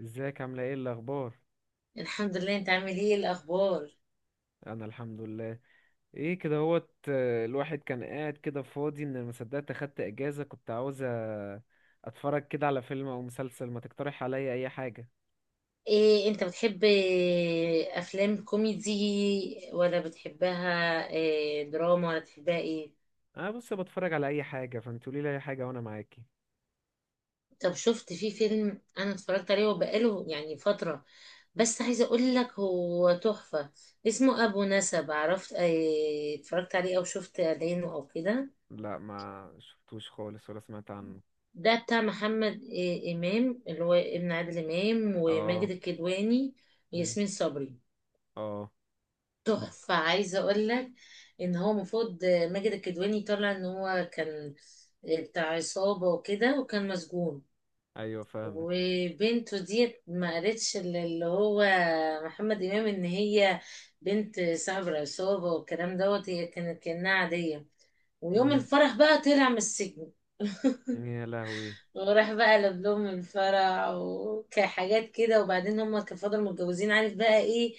ازيك عاملة ايه الأخبار؟ الحمد لله. انت عامل ايه؟ إيه الاخبار أنا الحمد لله. ايه كده هوت الواحد كان قاعد كده فاضي ان ما صدقت اخدت اجازة كنت عاوز اتفرج كده على فيلم او مسلسل، ما تقترح عليا اي حاجة؟ ايه انت بتحب، افلام كوميدي ولا بتحبها دراما ولا بتحبها ايه؟ انا بص بتفرج على اي حاجة، فانت قولي لي اي حاجة وانا معاكي. طب شفت في فيلم انا اتفرجت عليه وبقاله يعني فترة، بس عايزة اقول لك هو تحفة. اسمه ابو نسب، عرفت؟ اتفرجت عليه او شفت اعلانه او كده؟ لا ما شفتوش خالص ولا سمعت عنه. ده بتاع محمد امام، اللي هو ابن عادل امام، اه. وماجد الكدواني مم، وياسمين صبري. اه. تحفة، عايزة اقول لك ان هو المفروض ماجد الكدواني طلع ان هو كان بتاع عصابة وكده، وكان مسجون، ايوه فاهمك. وبنته ديت ما قالتش اللي هو محمد امام ان هي بنت صاحب العصابة والكلام دوت، هي كانت كأنها عادية. ويوم مم، الفرح بقى طلع من السجن، يا لهوي. وراح بقى لبلوم الفرح وكحاجات كده. وبعدين هما كانوا فضلوا متجوزين، عارف بقى ايه؟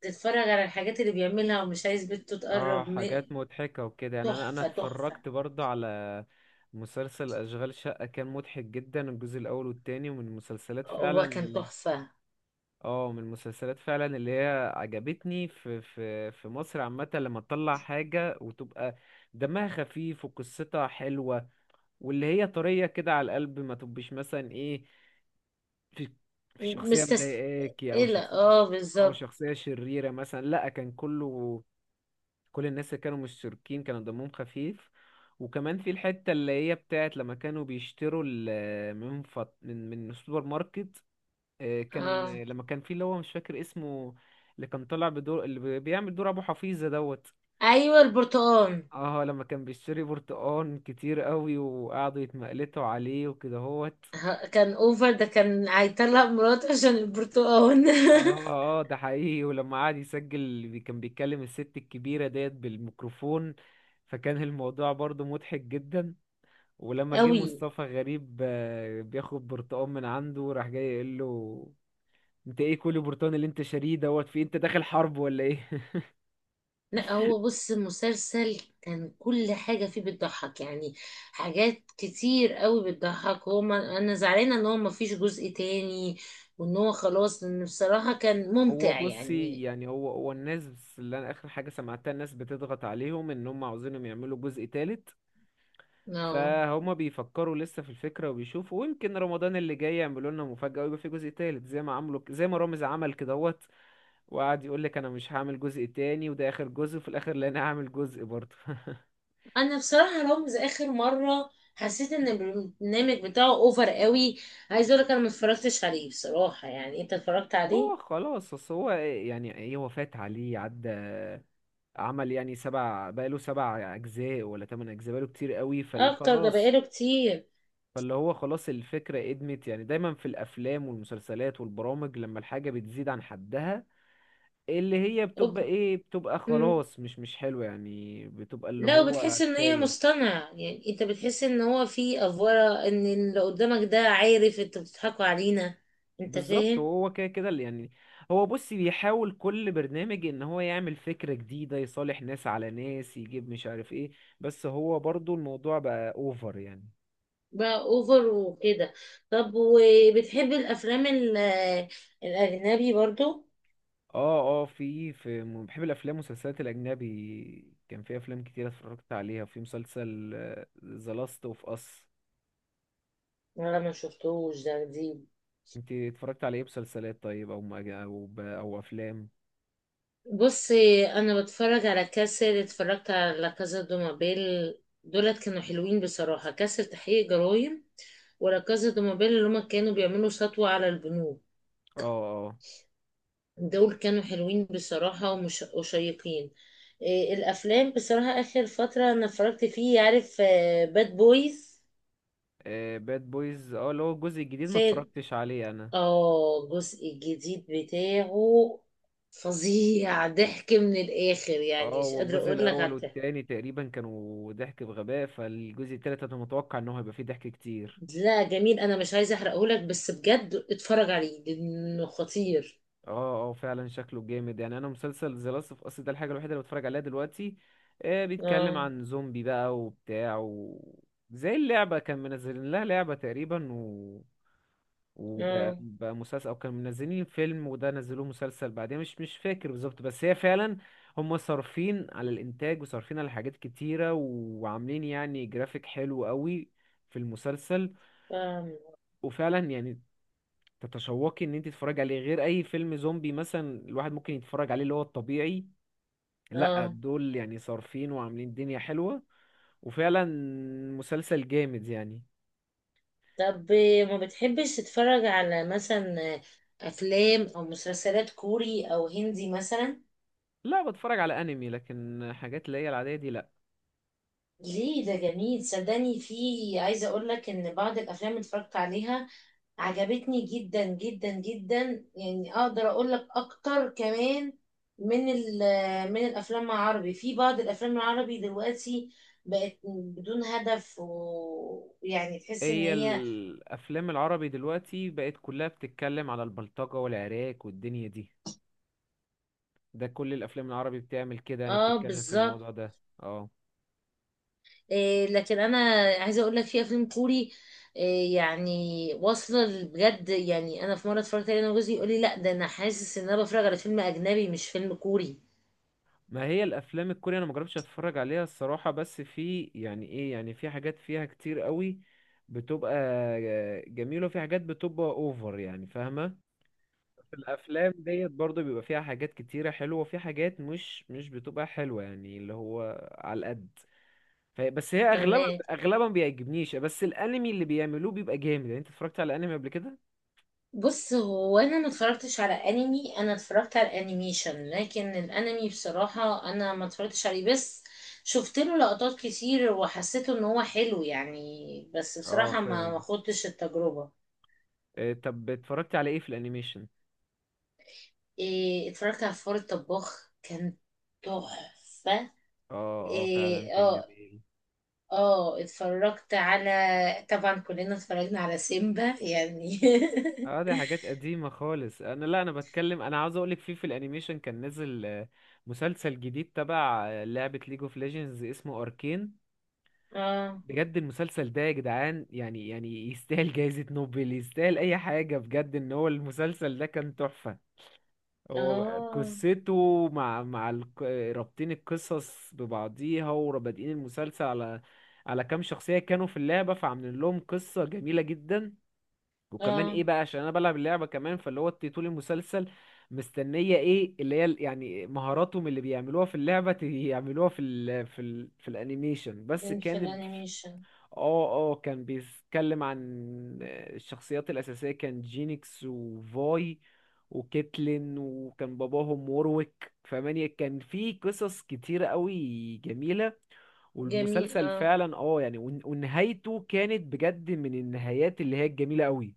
تتفرج على الحاجات اللي بيعملها ومش عايز بنته اه تقرب م... حاجات مضحكة وكده، يعني انا تحفة، تحفة. اتفرجت برضه على مسلسل اشغال شقة، كان مضحك جدا الجزء الاول والتاني، ومن المسلسلات فعلا هو كان ال... تحفة. اه من المسلسلات فعلا اللي هي عجبتني في مصر عامة، لما تطلع حاجة وتبقى دمها خفيف وقصتها حلوة واللي هي طرية كده على القلب، ما تبقش مثلا ايه، في في شخصية مضايقاكي او مستسئلة، شخصية اه او بالظبط. شخصية شريرة مثلا، لا كان كله كل الناس اللي كانوا مشتركين كانوا دمهم خفيف. وكمان في الحتة اللي هي بتاعت لما كانوا بيشتروا ال- من فط... من السوبر ماركت. كان اه، لما كان في اللي هو مش فاكر اسمه، اللي كان طالع بدور اللي بي- بيعمل دور ابو حفيظة دوت. ايوه البرتقال. اه لما كان بيشتري برتقان كتير قوي وقعدوا يتمقلتوا عليه وكده هوت. كان اوفر، ده كان هيطلق مراته عشان البرتقال. اه ده حقيقي، ولما قعد يسجل بي- كان بيتكلم الست الكبيرة ديت بالميكروفون، فكان الموضوع برضو مضحك جدا. ولما جه قوي. مصطفى غريب بياخد برتقال من عنده، راح جاي يقول له انت ايه كل برتقال اللي انت شاريه دوت في إيه؟ انت داخل حرب ولا ايه؟ لا، هو بص المسلسل كان كل حاجة فيه بتضحك يعني، حاجات كتير قوي بتضحك. هو ما انا زعلانة ان هو ما فيش جزء تاني، وان هو خلاص، لان بصراحة كان هو ممتع بصي، يعني. يعني هو الناس اللي انا اخر حاجه سمعتها، الناس بتضغط عليهم ان هم عاوزينهم يعملوا جزء تالت، اه. فهما بيفكروا لسه في الفكره وبيشوفوا، ويمكن رمضان اللي جاي يعملوا لنا مفاجاه ويبقى في جزء تالت زي ما عملوا، زي ما رامز عمل كدهوت وقعد يقول لك انا مش هعمل جزء تاني وده اخر جزء، وفي الاخر لا انا هعمل جزء برضه. انا بصراحه رامز اخر مره حسيت ان البرنامج بتاعه اوفر قوي. عايز اقول لك انا ما اتفرجتش عليه بصراحه، يعني انت اتفرجت عليه؟ هو خلاص اصل هو يعني ايه، هو فات عليه عدى، عمل يعني سبع، بقاله سبع اجزاء ولا تمن اجزاء، بقاله كتير قوي اكتر، ده فخلاص. بقاله كتير. فاللي هو خلاص الفكرة ادمت، يعني دايما في الافلام والمسلسلات والبرامج لما الحاجة بتزيد عن حدها، اللي هي أوب... بتبقى ايه، بتبقى مم. خلاص مش حلوة، يعني بتبقى اللي لا، هو وبتحس ان هي كفاية. مصطنع، يعني انت بتحس ان هو في افوره، ان اللي قدامك ده عارف انتوا بتضحكوا علينا. انت بالظبط، فاهم؟ وهو كده كده اللي يعني، هو بص بيحاول كل برنامج ان هو يعمل فكرة جديدة، يصالح ناس على ناس، يجيب مش عارف ايه، بس هو برضو الموضوع بقى اوفر يعني. بقى اوفر وكده. طب وبتحب الافلام الاجنبي برضو اه في م- بحب الافلام والمسلسلات الاجنبي، كان في افلام كتير اتفرجت عليها، في مسلسل ذا لاست اوف اس. ولا ما شفتوش؟ ده جديد. انت اتفرجت على ايه مسلسلات طيب، او مج- او ب- او افلام؟ بصي انا بتفرج على كاسل، اتفرجت على لا كازا دو مابيل. دولت كانوا حلوين بصراحه. كاسل تحقيق جرائم، ولا كازا دو مابيل اللي هما كانوا بيعملوا سطوه على البنوك. اه دول كانوا حلوين بصراحه ومش وشيقين. إيه الافلام بصراحه اخر فتره انا اتفرجت فيه، عارف؟ باد بويز. اه باد بويز، اه اللي هو الجزء الجديد ما فين؟ اتفرجتش عليه انا. اه الجزء الجديد بتاعه، فظيع، ضحك من الاخر اه يعني، مش هو قادره الجزء اقول لك على الاول الضحك. والتاني تقريبا كانوا ضحك بغباء، فالجزء التالت انا متوقع ان هو هيبقى فيه ضحك كتير. لا جميل، انا مش عايزه احرقهولك بس بجد اتفرج عليه لانه خطير. اه فعلا شكله جامد، يعني انا مسلسل ذا لاست اوف اس ده الحاجه الوحيده اللي بتفرج عليها دلوقتي. بيتكلم اه عن زومبي بقى وبتاع و... زي اللعبه كان منزلين لها لعبه تقريبا و... وبقى اه بقى مسلسل، او كانوا منزلين فيلم وده نزلوه مسلسل بعدين، مش فاكر بالظبط، بس هي فعلا هم صارفين على الانتاج وصارفين على حاجات كتيره وعاملين يعني جرافيك حلو قوي في المسلسل. فاهم. وفعلا يعني تتشوقي ان انت تتفرجي عليه، غير اي فيلم زومبي مثلا الواحد ممكن يتفرج عليه اللي هو الطبيعي. لا اه. دول يعني صارفين وعاملين دنيا حلوة، وفعلا مسلسل جامد يعني. طب ما بتحبش تتفرج على مثلا افلام او مسلسلات كوري او هندي مثلا؟ لا بتفرج على انمي، لكن حاجات اللي هي العادية دي لا. ليه، ده جميل صدقني. في، عايزة اقول لك ان بعض الافلام اللي اتفرجت عليها عجبتني جدا جدا جدا، يعني اقدر اقول لك اكتر كمان من من الافلام العربي. في بعض الافلام العربي دلوقتي بقت بدون هدف، ويعني تحس ان هي هي. الافلام العربي دلوقتي بقت كلها بتتكلم على البلطجة والعراك والدنيا دي، ده كل الافلام العربي بتعمل كده، انا اه بتتكلم في بالظبط. الموضوع ده. اه. إيه لكن انا عايزه اقول لك في افلام كوري إيه يعني، واصله بجد، يعني انا في مره اتفرجت عليه انا وجوزي يقول لي لا ده انا حاسس ان انا بتفرج على فيلم اجنبي مش فيلم كوري. ما هي الافلام الكورية انا ما جربتش اتفرج عليها الصراحة، بس في يعني ايه، يعني في حاجات فيها كتير قوي بتبقى جميلة، وفي حاجات بتبقى اوفر، يعني فاهمة. في الافلام ديت برضو بيبقى فيها حاجات كتيرة حلوة، وفي حاجات مش بتبقى حلوة يعني، اللي هو على القد. ف- بس هي اغلبها فاهمه. اغلبها ما بيعجبنيش، بس الانمي اللي بيعملوه بيبقى جامد، يعني انت اتفرجت على انمي قبل كده؟ بص هو انا ما اتفرجتش على انمي، انا اتفرجت على انيميشن، لكن الانمي بصراحه انا ما اتفرجتش عليه، بس شفت له لقطات كتير وحسيته ان هو حلو يعني، بس اه بصراحه ما فاهم. خدتش التجربه. إيه، طب اتفرجت على ايه في الانيميشن؟ إيه، اتفرجت على فار الطباخ، كان تحفه. اه فعلا إيه كان اه. جميل. اه اتفرجت على، طبعا كلنا اتفرجنا على سيمبا يعني. اه دي حاجات قديمة خالص، انا لا انا بتكلم، انا عاوز اقولك في الانيميشن كان نزل مسلسل جديد تبع لعبة ليج اوف ليجندز اسمه اركين. اه بجد المسلسل ده يا جدعان، يعني يستاهل جائزة نوبل، يستاهل اي حاجة بجد، ان هو المسلسل ده كان تحفة. هو اه. قصته مع الق- رابطين القصص ببعضيها، ورابطين المسلسل على على كام شخصية كانوا في اللعبة، فعاملين لهم قصة جميلة جدا. وكمان اه ايه بقى، عشان انا بلعب اللعبه كمان، فاللي هو طول المسلسل مستنيه ايه اللي هي ال- يعني مهاراتهم اللي بيعملوها في اللعبه، ت- يعملوها في ال في ال في الانيميشن، بس في كان ب- الانيميشن. اه كان بيتكلم عن الشخصيات الاساسيه، كان جينيكس وفاي وكيتلين، وكان باباهم وورويك، فمانيا كان في قصص كتيره قوي جميله، جميل والمسلسل اه. فعلا اه يعني ون- ونهايته كانت بجد من النهايات اللي هي الجميله قوي.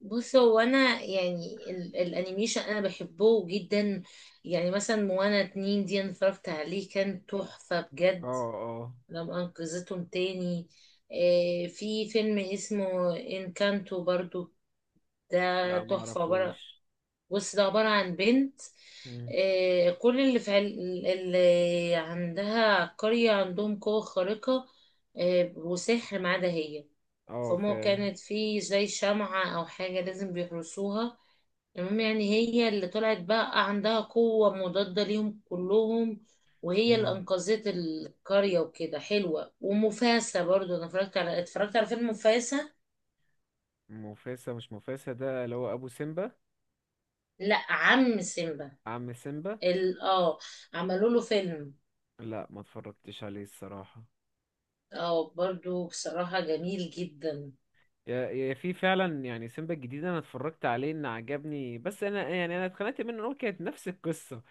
بص هو انا يعني الانيميشن انا بحبه جدا. يعني مثلا موانا اتنين دي انا اتفرجت عليه كان تحفة اه بجد، اه لما انقذتهم تاني. في فيلم اسمه انكانتو برضو، ده لا ما تحفة. عبارة، اعرفوش. بص ده عبارة عن بنت، مم. كل اللي في عل... اللي عندها قرية عندهم قوة خارقة، وسحر ما عدا هي. اه فما فاهم. كانت في زي شمعة أو حاجة لازم بيحرسوها. المهم يعني هي اللي طلعت بقى عندها قوة مضادة ليهم كلهم، وهي اللي مم. أنقذت القرية وكده. حلوة. ومفاسة برضو أنا اتفرجت على، اتفرجت على فيلم مفاسة. مفاسة، مش مفاسة ده اللي هو ابو سيمبا. لا، عم سيمبا. عم سيمبا. ال... اه عملوا له فيلم. لا ما اتفرجتش عليه الصراحة. اه، برضو بصراحة جميل جدا. يا يا في فعلا يعني سيمبا الجديد انا اتفرجت عليه ان عجبني، بس انا يعني انا اتخنقت منه ان هو كانت نفس القصه،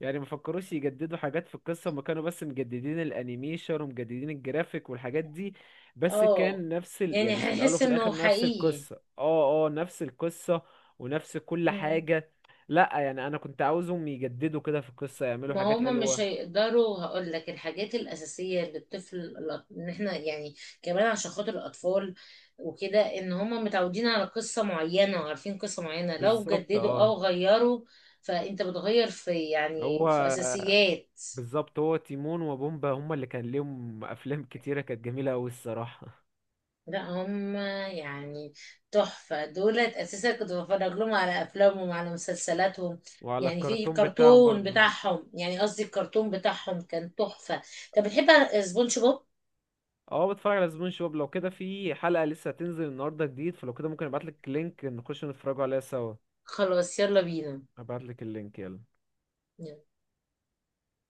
يعني ما فكروش يجددوا حاجات في القصه، ما كانوا بس مجددين الانيميشن ومجددين الجرافيك والحاجات دي، بس اه كان نفس ال... يعني يعني في الاول هيحس وفي انه الاخر نفس حقيقي. القصه، اه نفس القصه ونفس كل مم. حاجه. لا يعني انا كنت عاوزهم يجددوا كده في القصه، يعملوا ما حاجات هما مش حلوه. هيقدروا، هقول لك الحاجات الأساسية اللي الطفل ان احنا يعني كمان عشان خاطر الأطفال وكده، ان هما متعودين على قصة معينة وعارفين قصة معينة، لو بالظبط جددوا اه. او غيروا فانت بتغير في هو يعني في أساسيات. بالظبط هو تيمون وبومبا هما اللي كان ليهم افلام كتيره كانت جميله قوي الصراحه. لا هم يعني تحفة، دولت أساسا كنت بتفرج لهم على أفلامهم على مسلسلاتهم. وعلى يعني في الكرتون بتاعهم كرتون برضه. بتاعهم، يعني قصدي الكرتون بتاعهم كان تحفة. طب بتحب سبونج بوب؟ اه بتفرج على زبون شباب. لو كده في حلقه لسه هتنزل النهارده جديد، فلو كده ممكن ابعت لك لينك نخش نتفرجوا عليها سوا. خلاص يلا بينا. ابعت لك اللينك يلا.